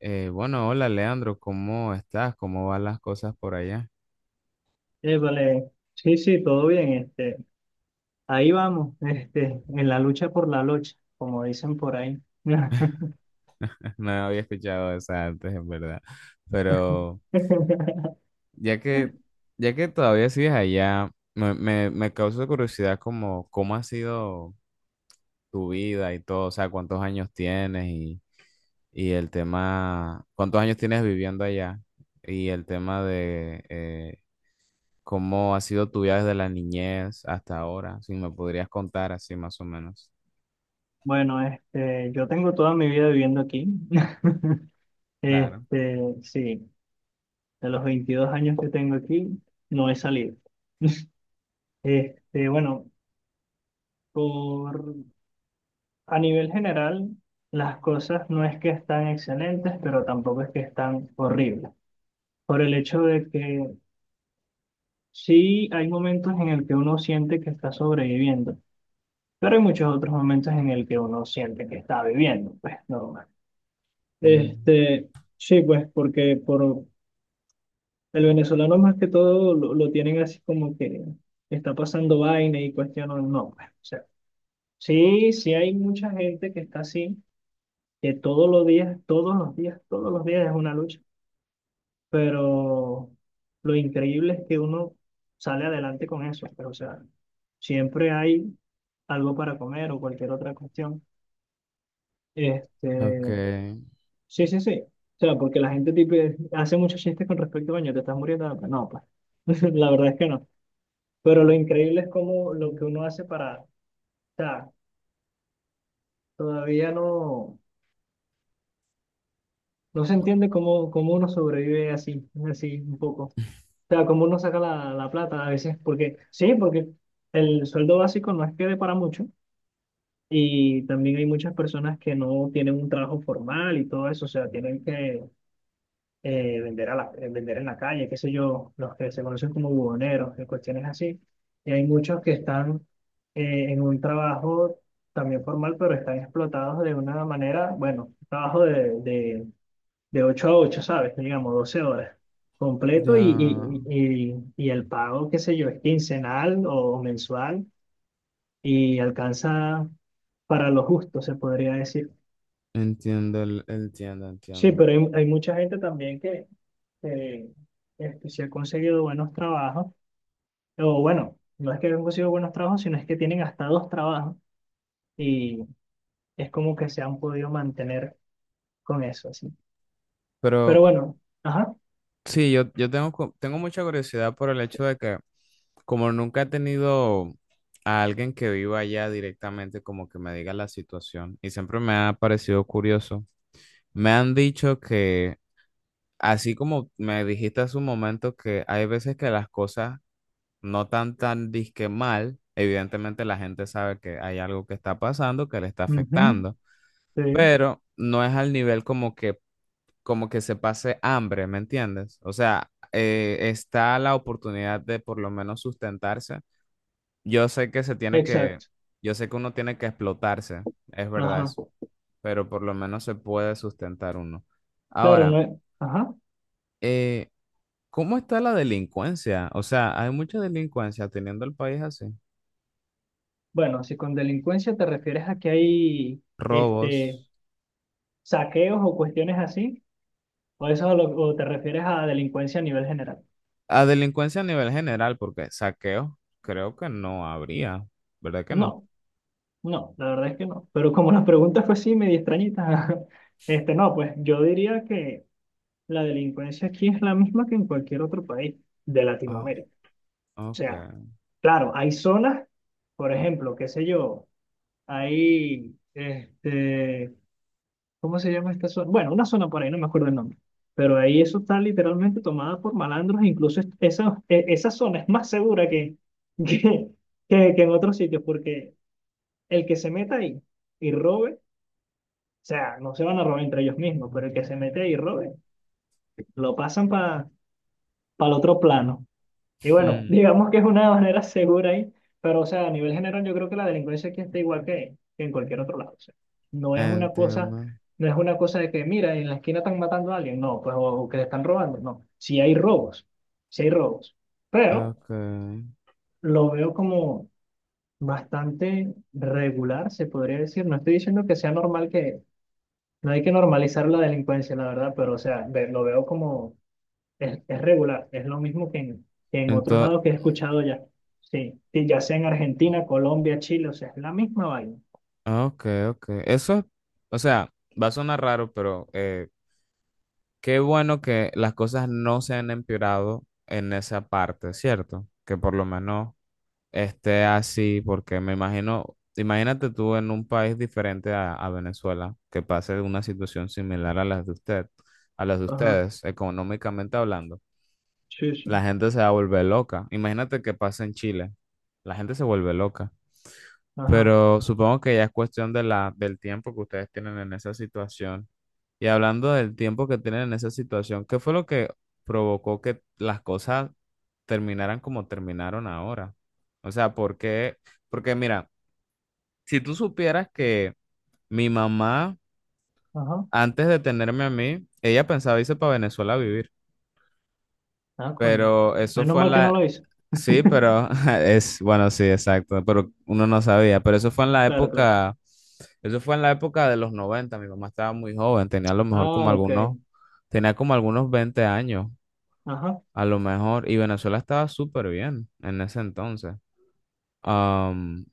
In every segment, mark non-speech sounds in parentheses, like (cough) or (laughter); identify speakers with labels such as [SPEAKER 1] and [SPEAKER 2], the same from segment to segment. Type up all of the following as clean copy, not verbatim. [SPEAKER 1] Bueno, hola Leandro, ¿cómo estás? ¿Cómo van las cosas por allá?
[SPEAKER 2] Épale, sí, sí, todo bien, ahí vamos, en la lucha por la lucha, como dicen por ahí.
[SPEAKER 1] (laughs) No había escuchado esa antes, en verdad. Pero
[SPEAKER 2] (laughs)
[SPEAKER 1] ya que, ya que todavía sigues allá, me causa curiosidad como cómo ha sido tu vida y todo, o sea, cuántos años tienes y el tema, cuántos años tienes viviendo allá y el tema de cómo ha sido tu vida desde la niñez hasta ahora, si me podrías contar así más o menos.
[SPEAKER 2] Bueno, yo tengo toda mi vida viviendo aquí. (laughs)
[SPEAKER 1] Claro.
[SPEAKER 2] Sí, de los 22 años que tengo aquí, no he salido. (laughs) Bueno, por, a nivel general, las cosas no es que están excelentes, pero tampoco es que están horribles. Por el hecho de que Sí, hay momentos en el que uno siente que está sobreviviendo, pero hay muchos otros momentos en el que uno siente que está viviendo, pues normal. Este, sí, pues porque por el venezolano más que todo lo tienen así como que está pasando vaina y cuestiones, no, pues, o sea, sí, sí hay mucha gente que está así, que todos los días, todos los días, todos los días es una lucha. Pero lo increíble es que uno sale adelante con eso, pero o sea, siempre hay algo para comer o cualquier otra cuestión. Este,
[SPEAKER 1] Ok,
[SPEAKER 2] sí, sí, sí. O sea, porque la gente tipo, hace muchos chistes con respecto, coño, te estás muriendo de hambre". No, pues, (laughs) la verdad es que no. Pero lo increíble es cómo lo que uno hace para, o sea, todavía no se entiende cómo uno sobrevive así, así un poco. O sea, como uno saca la plata a veces, porque sí, porque el sueldo básico no es que dé para mucho y también hay muchas personas que no tienen un trabajo formal y todo eso, o sea, tienen que vender en la calle, qué sé yo, los que se conocen como buhoneros, y cuestiones así. Y hay muchos que están en un trabajo también formal, pero están explotados de una manera, bueno, trabajo de, de 8 a 8, ¿sabes? Digamos, 12 horas completo y,
[SPEAKER 1] ya
[SPEAKER 2] y, y, y- el pago, qué sé yo, es quincenal o mensual y alcanza para lo justo, se podría decir.
[SPEAKER 1] entiendo, entiendo,
[SPEAKER 2] Sí,
[SPEAKER 1] entiendo.
[SPEAKER 2] pero hay mucha gente también que, eh, se ha conseguido buenos trabajos, o bueno, no es que han conseguido buenos trabajos, sino es que tienen hasta dos trabajos y es como que se han podido mantener con eso, así. Pero
[SPEAKER 1] Pero
[SPEAKER 2] bueno, ajá,
[SPEAKER 1] sí, yo tengo, tengo mucha curiosidad por el hecho de que como nunca he tenido a alguien que viva allá directamente, como que me diga la situación, y siempre me ha parecido curioso. Me han dicho que, así como me dijiste hace un momento, que hay veces que las cosas no tan tan disque mal, evidentemente la gente sabe que hay algo que está pasando que le está
[SPEAKER 2] ujú,
[SPEAKER 1] afectando.
[SPEAKER 2] sí,
[SPEAKER 1] Pero no es al nivel como que se pase hambre, ¿me entiendes? O sea, está la oportunidad de por lo menos sustentarse. Yo sé que se tiene que,
[SPEAKER 2] exacto,
[SPEAKER 1] yo sé que uno tiene que explotarse, es verdad
[SPEAKER 2] ajá.
[SPEAKER 1] eso, pero por lo menos se puede sustentar uno.
[SPEAKER 2] Claro,
[SPEAKER 1] Ahora,
[SPEAKER 2] no es... Ajá.
[SPEAKER 1] eh, ¿cómo está la delincuencia? O sea, hay mucha delincuencia teniendo el país así,
[SPEAKER 2] Bueno, si con delincuencia te refieres a que hay este,
[SPEAKER 1] robos,
[SPEAKER 2] saqueos o cuestiones así, o te refieres a delincuencia a nivel general.
[SPEAKER 1] a delincuencia a nivel general, porque saqueo, creo que no habría, ¿verdad que no?
[SPEAKER 2] No, no, la verdad es que no. Pero como la pregunta fue así, medio extrañita, (laughs) no, pues yo diría que la delincuencia aquí es la misma que en cualquier otro país de
[SPEAKER 1] Ah,
[SPEAKER 2] Latinoamérica. O sea,
[SPEAKER 1] okay.
[SPEAKER 2] claro, hay zonas, por ejemplo, qué sé yo, hay este, ¿cómo se llama esta zona? Bueno, una zona por ahí, no me acuerdo el nombre. Pero ahí eso está literalmente tomada por malandros. E incluso esa zona es más segura que, (laughs) que, que en otros sitios, porque el que se meta ahí y robe, o sea, no se van a robar entre ellos mismos, pero el que se mete ahí y robe, lo pasan para el otro plano. Y bueno, (laughs)
[SPEAKER 1] Mm,
[SPEAKER 2] digamos que es una manera segura ahí, pero o sea, a nivel general yo creo que la delincuencia aquí está igual que en cualquier otro lado. O sea, no es una cosa,
[SPEAKER 1] entiendo.
[SPEAKER 2] no es una cosa de que, mira, en la esquina están matando a alguien, no, pues, o que le están robando, no. Sí hay robos, pero
[SPEAKER 1] Okay.
[SPEAKER 2] lo veo como bastante regular, se podría decir. No estoy diciendo que sea normal que, no hay que normalizar la delincuencia, la verdad, pero o sea, lo veo como es regular, es lo mismo que que en otros
[SPEAKER 1] Entonces,
[SPEAKER 2] lados que he escuchado ya. Sí, sí, ya sea en Argentina, Colombia, Chile, o sea, es la misma vaina.
[SPEAKER 1] okay, okay. Eso es, o sea, va a sonar raro, pero qué bueno que las cosas no se han empeorado en esa parte, ¿cierto? Que por lo menos esté así, porque me imagino, imagínate tú en un país diferente a Venezuela, que pase una situación similar a las de usted, a las de
[SPEAKER 2] Ajá,
[SPEAKER 1] ustedes, económicamente hablando.
[SPEAKER 2] sí,
[SPEAKER 1] La
[SPEAKER 2] sí.
[SPEAKER 1] gente se va a volver loca. Imagínate que pasa en Chile, la gente se vuelve loca.
[SPEAKER 2] Ajá,
[SPEAKER 1] Pero supongo que ya es cuestión de la, del tiempo que ustedes tienen en esa situación. Y hablando del tiempo que tienen en esa situación, ¿qué fue lo que provocó que las cosas terminaran como terminaron ahora? O sea, ¿por qué? Porque mira, si tú supieras que mi mamá,
[SPEAKER 2] ajá.
[SPEAKER 1] antes de tenerme a mí, ella pensaba irse para Venezuela a vivir.
[SPEAKER 2] Ah, coño.
[SPEAKER 1] Pero eso
[SPEAKER 2] Menos
[SPEAKER 1] fue en
[SPEAKER 2] mal que no
[SPEAKER 1] la...
[SPEAKER 2] lo hizo.
[SPEAKER 1] Sí, pero (laughs) es, bueno, sí, exacto, pero uno no sabía, pero
[SPEAKER 2] Claro, claro.
[SPEAKER 1] eso fue en la época de los noventa. Mi mamá estaba muy joven,
[SPEAKER 2] Ah, ok.
[SPEAKER 1] tenía como algunos 20 años,
[SPEAKER 2] Ajá.
[SPEAKER 1] a lo mejor, y Venezuela estaba súper bien en ese entonces. Am,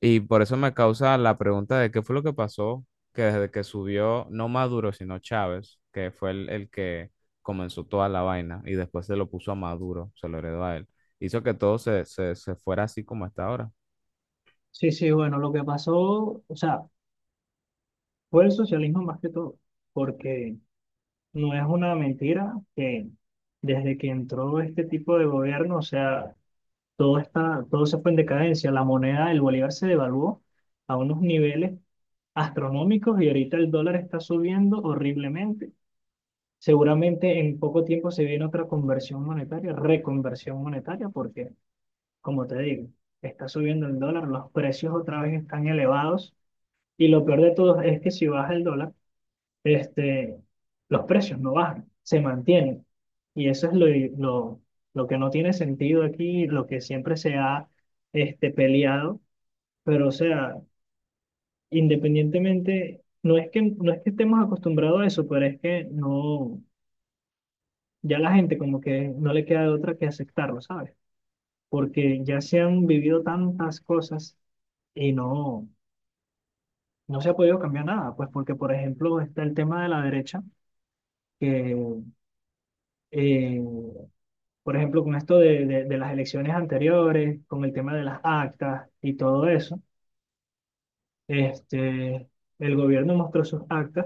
[SPEAKER 1] y por eso me causa la pregunta de qué fue lo que pasó, que desde que subió no Maduro, sino Chávez, que fue el que comenzó toda la vaina y después se lo puso a Maduro, se lo heredó a él, hizo que todo se fuera así como está ahora.
[SPEAKER 2] Sí, sí, bueno, lo que pasó, o sea, fue el socialismo más que todo, porque no es una mentira que desde que entró este tipo de gobierno, o sea, todo se fue en decadencia. La moneda del bolívar se devaluó a unos niveles astronómicos y ahorita el dólar está subiendo horriblemente. Seguramente en poco tiempo se viene otra conversión monetaria, reconversión monetaria, porque, como te digo, está subiendo el dólar, los precios otra vez están elevados y lo peor de todo es que si baja el dólar, este, los precios no bajan, se mantienen. Y eso es lo, lo que no tiene sentido aquí, lo que siempre se ha peleado. Pero, o sea, independientemente, no es que estemos acostumbrados a eso, pero es que no, ya la gente como que no le queda de otra que aceptarlo, ¿sabes? Porque ya se han vivido tantas cosas y no se ha podido cambiar nada. Pues porque, por ejemplo, está el tema de la derecha, que eh, por ejemplo, con esto de, de las elecciones anteriores, con el tema de las actas y todo eso, este, el gobierno mostró sus actas,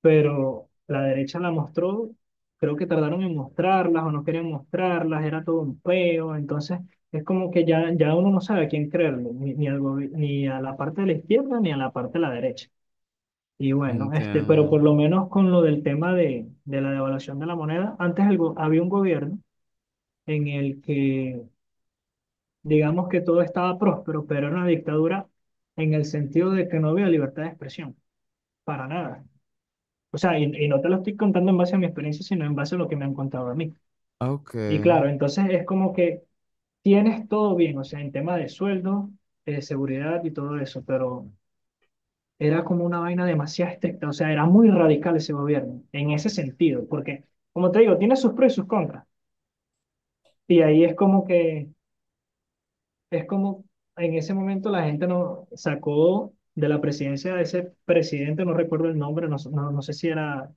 [SPEAKER 2] pero la derecha la mostró, creo que tardaron en mostrarlas o no querían mostrarlas, era todo un peo, entonces es como que ya, ya uno no sabe a quién creerle, ni, ni al gobi- ni a la parte de la izquierda ni a la parte de la derecha. Y bueno, pero por
[SPEAKER 1] Entiendo.
[SPEAKER 2] lo menos con lo del tema de la devaluación de la moneda, antes había un gobierno en el que digamos que todo estaba próspero, pero era una dictadura en el sentido de que no había libertad de expresión, para nada. O sea, y no te lo estoy contando en base a mi experiencia, sino en base a lo que me han contado a mí.
[SPEAKER 1] Ok,
[SPEAKER 2] Y claro, entonces es como que tienes todo bien, o sea, en tema de sueldo, seguridad y todo eso, pero era como una vaina demasiado estricta, o sea, era muy radical ese gobierno, en ese sentido, porque, como te digo, tiene sus pros y sus contras. Y ahí es como en ese momento la gente nos sacó de la presidencia de ese presidente, no recuerdo el nombre, no sé si era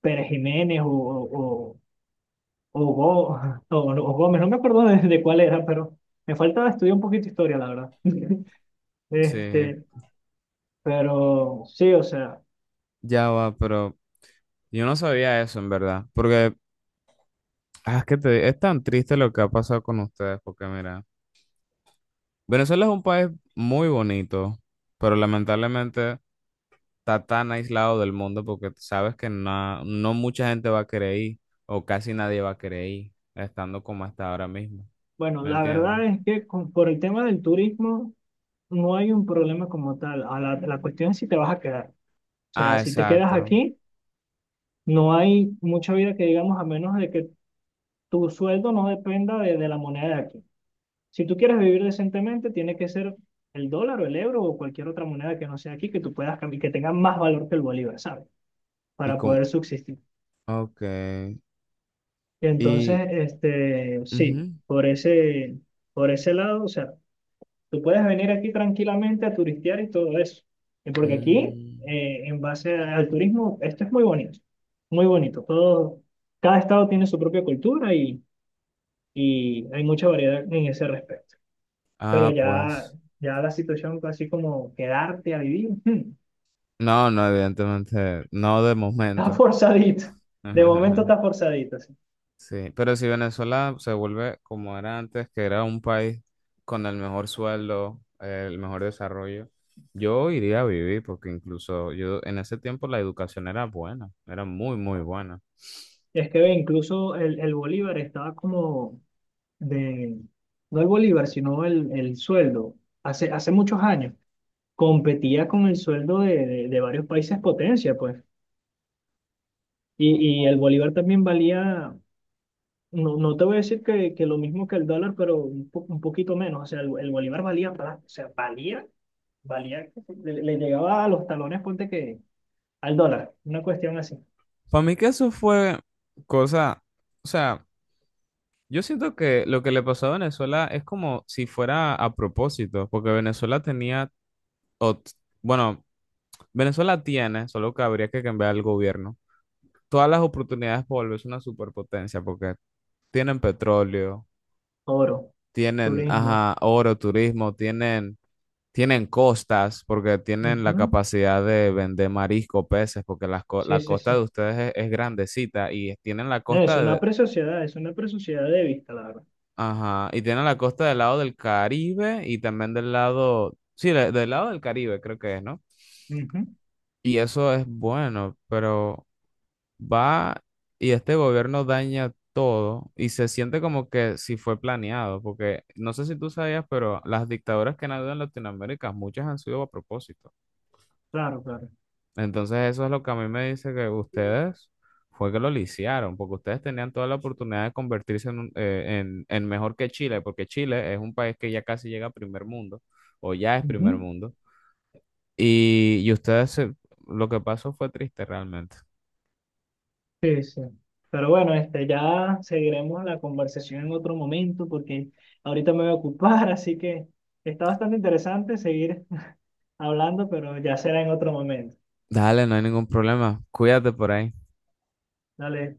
[SPEAKER 2] Pérez Jiménez o, o Gó- (laughs) o- o Gómez, no me acuerdo de cuál era, pero me falta estudiar un poquito de historia, la verdad. (laughs)
[SPEAKER 1] sí,
[SPEAKER 2] Este, pero sí, o sea,
[SPEAKER 1] ya va, pero yo no sabía eso en verdad, porque ah, es que es tan triste lo que ha pasado con ustedes, porque mira, Venezuela es un país muy bonito, pero lamentablemente... está tan aislado del mundo porque sabes que no, no mucha gente va a querer ir o casi nadie va a querer ir estando como hasta ahora mismo.
[SPEAKER 2] bueno,
[SPEAKER 1] ¿Me
[SPEAKER 2] la
[SPEAKER 1] entiendes?
[SPEAKER 2] verdad es que por el tema del turismo no hay un problema como tal. A la cuestión es si te vas a quedar. O sea,
[SPEAKER 1] Ah,
[SPEAKER 2] si te quedas
[SPEAKER 1] exacto.
[SPEAKER 2] aquí, no hay mucha vida que digamos, a menos de que tu sueldo no dependa de la moneda de aquí. Si tú quieres vivir decentemente, tiene que ser el dólar o el euro o cualquier otra moneda que no sea aquí que tú puedas cambiar, que tenga más valor que el bolívar, ¿sabes?
[SPEAKER 1] Y
[SPEAKER 2] Para
[SPEAKER 1] como,
[SPEAKER 2] poder subsistir.
[SPEAKER 1] ok.
[SPEAKER 2] Entonces,
[SPEAKER 1] Y,
[SPEAKER 2] sí,
[SPEAKER 1] ujú.
[SPEAKER 2] por ese lado, o sea, tú puedes venir aquí tranquilamente a turistear y todo eso. Porque aquí,
[SPEAKER 1] Mm.
[SPEAKER 2] en base al turismo, esto es muy bonito, muy bonito. Todo, cada estado tiene su propia cultura y hay mucha variedad en ese respecto. Pero
[SPEAKER 1] Ah,
[SPEAKER 2] ya,
[SPEAKER 1] pues,
[SPEAKER 2] ya la situación fue así como quedarte a vivir, (laughs)
[SPEAKER 1] no, no, evidentemente, no de
[SPEAKER 2] está
[SPEAKER 1] momento.
[SPEAKER 2] forzadito. De momento
[SPEAKER 1] (laughs)
[SPEAKER 2] está forzadito, sí.
[SPEAKER 1] Sí, pero si Venezuela se vuelve como era antes, que era un país con el mejor sueldo, el mejor desarrollo, yo iría a vivir porque incluso yo en ese tiempo la educación era buena, era muy, muy buena.
[SPEAKER 2] Es que ve, incluso el Bolívar estaba como de, no el Bolívar, sino el sueldo. Hace muchos años competía con el sueldo de, de varios países potencia, pues. Y el Bolívar también valía, no te voy a decir que lo mismo que el dólar, pero un poquito menos. O sea, el Bolívar valía, plata, o sea, Valía, le llegaba a los talones, ponte que al dólar, una cuestión así.
[SPEAKER 1] Para mí que eso fue cosa, o sea, yo siento que lo que le pasó a Venezuela es como si fuera a propósito, porque Venezuela tenía, o- t- bueno, Venezuela tiene, solo que habría que cambiar el gobierno, todas las oportunidades para volverse una superpotencia, porque tienen petróleo,
[SPEAKER 2] Oro,
[SPEAKER 1] tienen,
[SPEAKER 2] turismo.
[SPEAKER 1] ajá, oro, turismo, tienen, tienen costas porque tienen la
[SPEAKER 2] Ujú,
[SPEAKER 1] capacidad de vender marisco, peces, porque
[SPEAKER 2] sí,
[SPEAKER 1] la
[SPEAKER 2] sí,
[SPEAKER 1] costa
[SPEAKER 2] sí.
[SPEAKER 1] de ustedes es grandecita y tienen la
[SPEAKER 2] No,
[SPEAKER 1] costa de,
[SPEAKER 2] es una presociedad de vista, la verdad.
[SPEAKER 1] ajá, y tienen la costa del lado del Caribe y también del lado, sí, del lado del Caribe creo que es, ¿no?
[SPEAKER 2] Ujú,
[SPEAKER 1] Y eso es bueno, pero... va y este gobierno daña todo y se siente como que si fue planeado, porque no sé si tú sabías, pero las dictaduras que han habido en Latinoamérica, muchas han sido a propósito.
[SPEAKER 2] claro, claro.
[SPEAKER 1] Entonces eso es lo que a mí me dice que ustedes fue que lo lisiaron, porque ustedes tenían toda la oportunidad de convertirse en mejor que Chile, porque Chile es un país que ya casi llega a primer mundo, o ya es primer
[SPEAKER 2] Ujú,
[SPEAKER 1] mundo, y ustedes, lo que pasó fue triste realmente.
[SPEAKER 2] sí, sí. Pero bueno, ya seguiremos la conversación en otro momento porque ahorita me voy a ocupar, (laughs) así que está bastante interesante seguir hablando, pero ya será en otro momento.
[SPEAKER 1] Dale, no hay ningún problema. Cuídate por ahí.
[SPEAKER 2] Dale.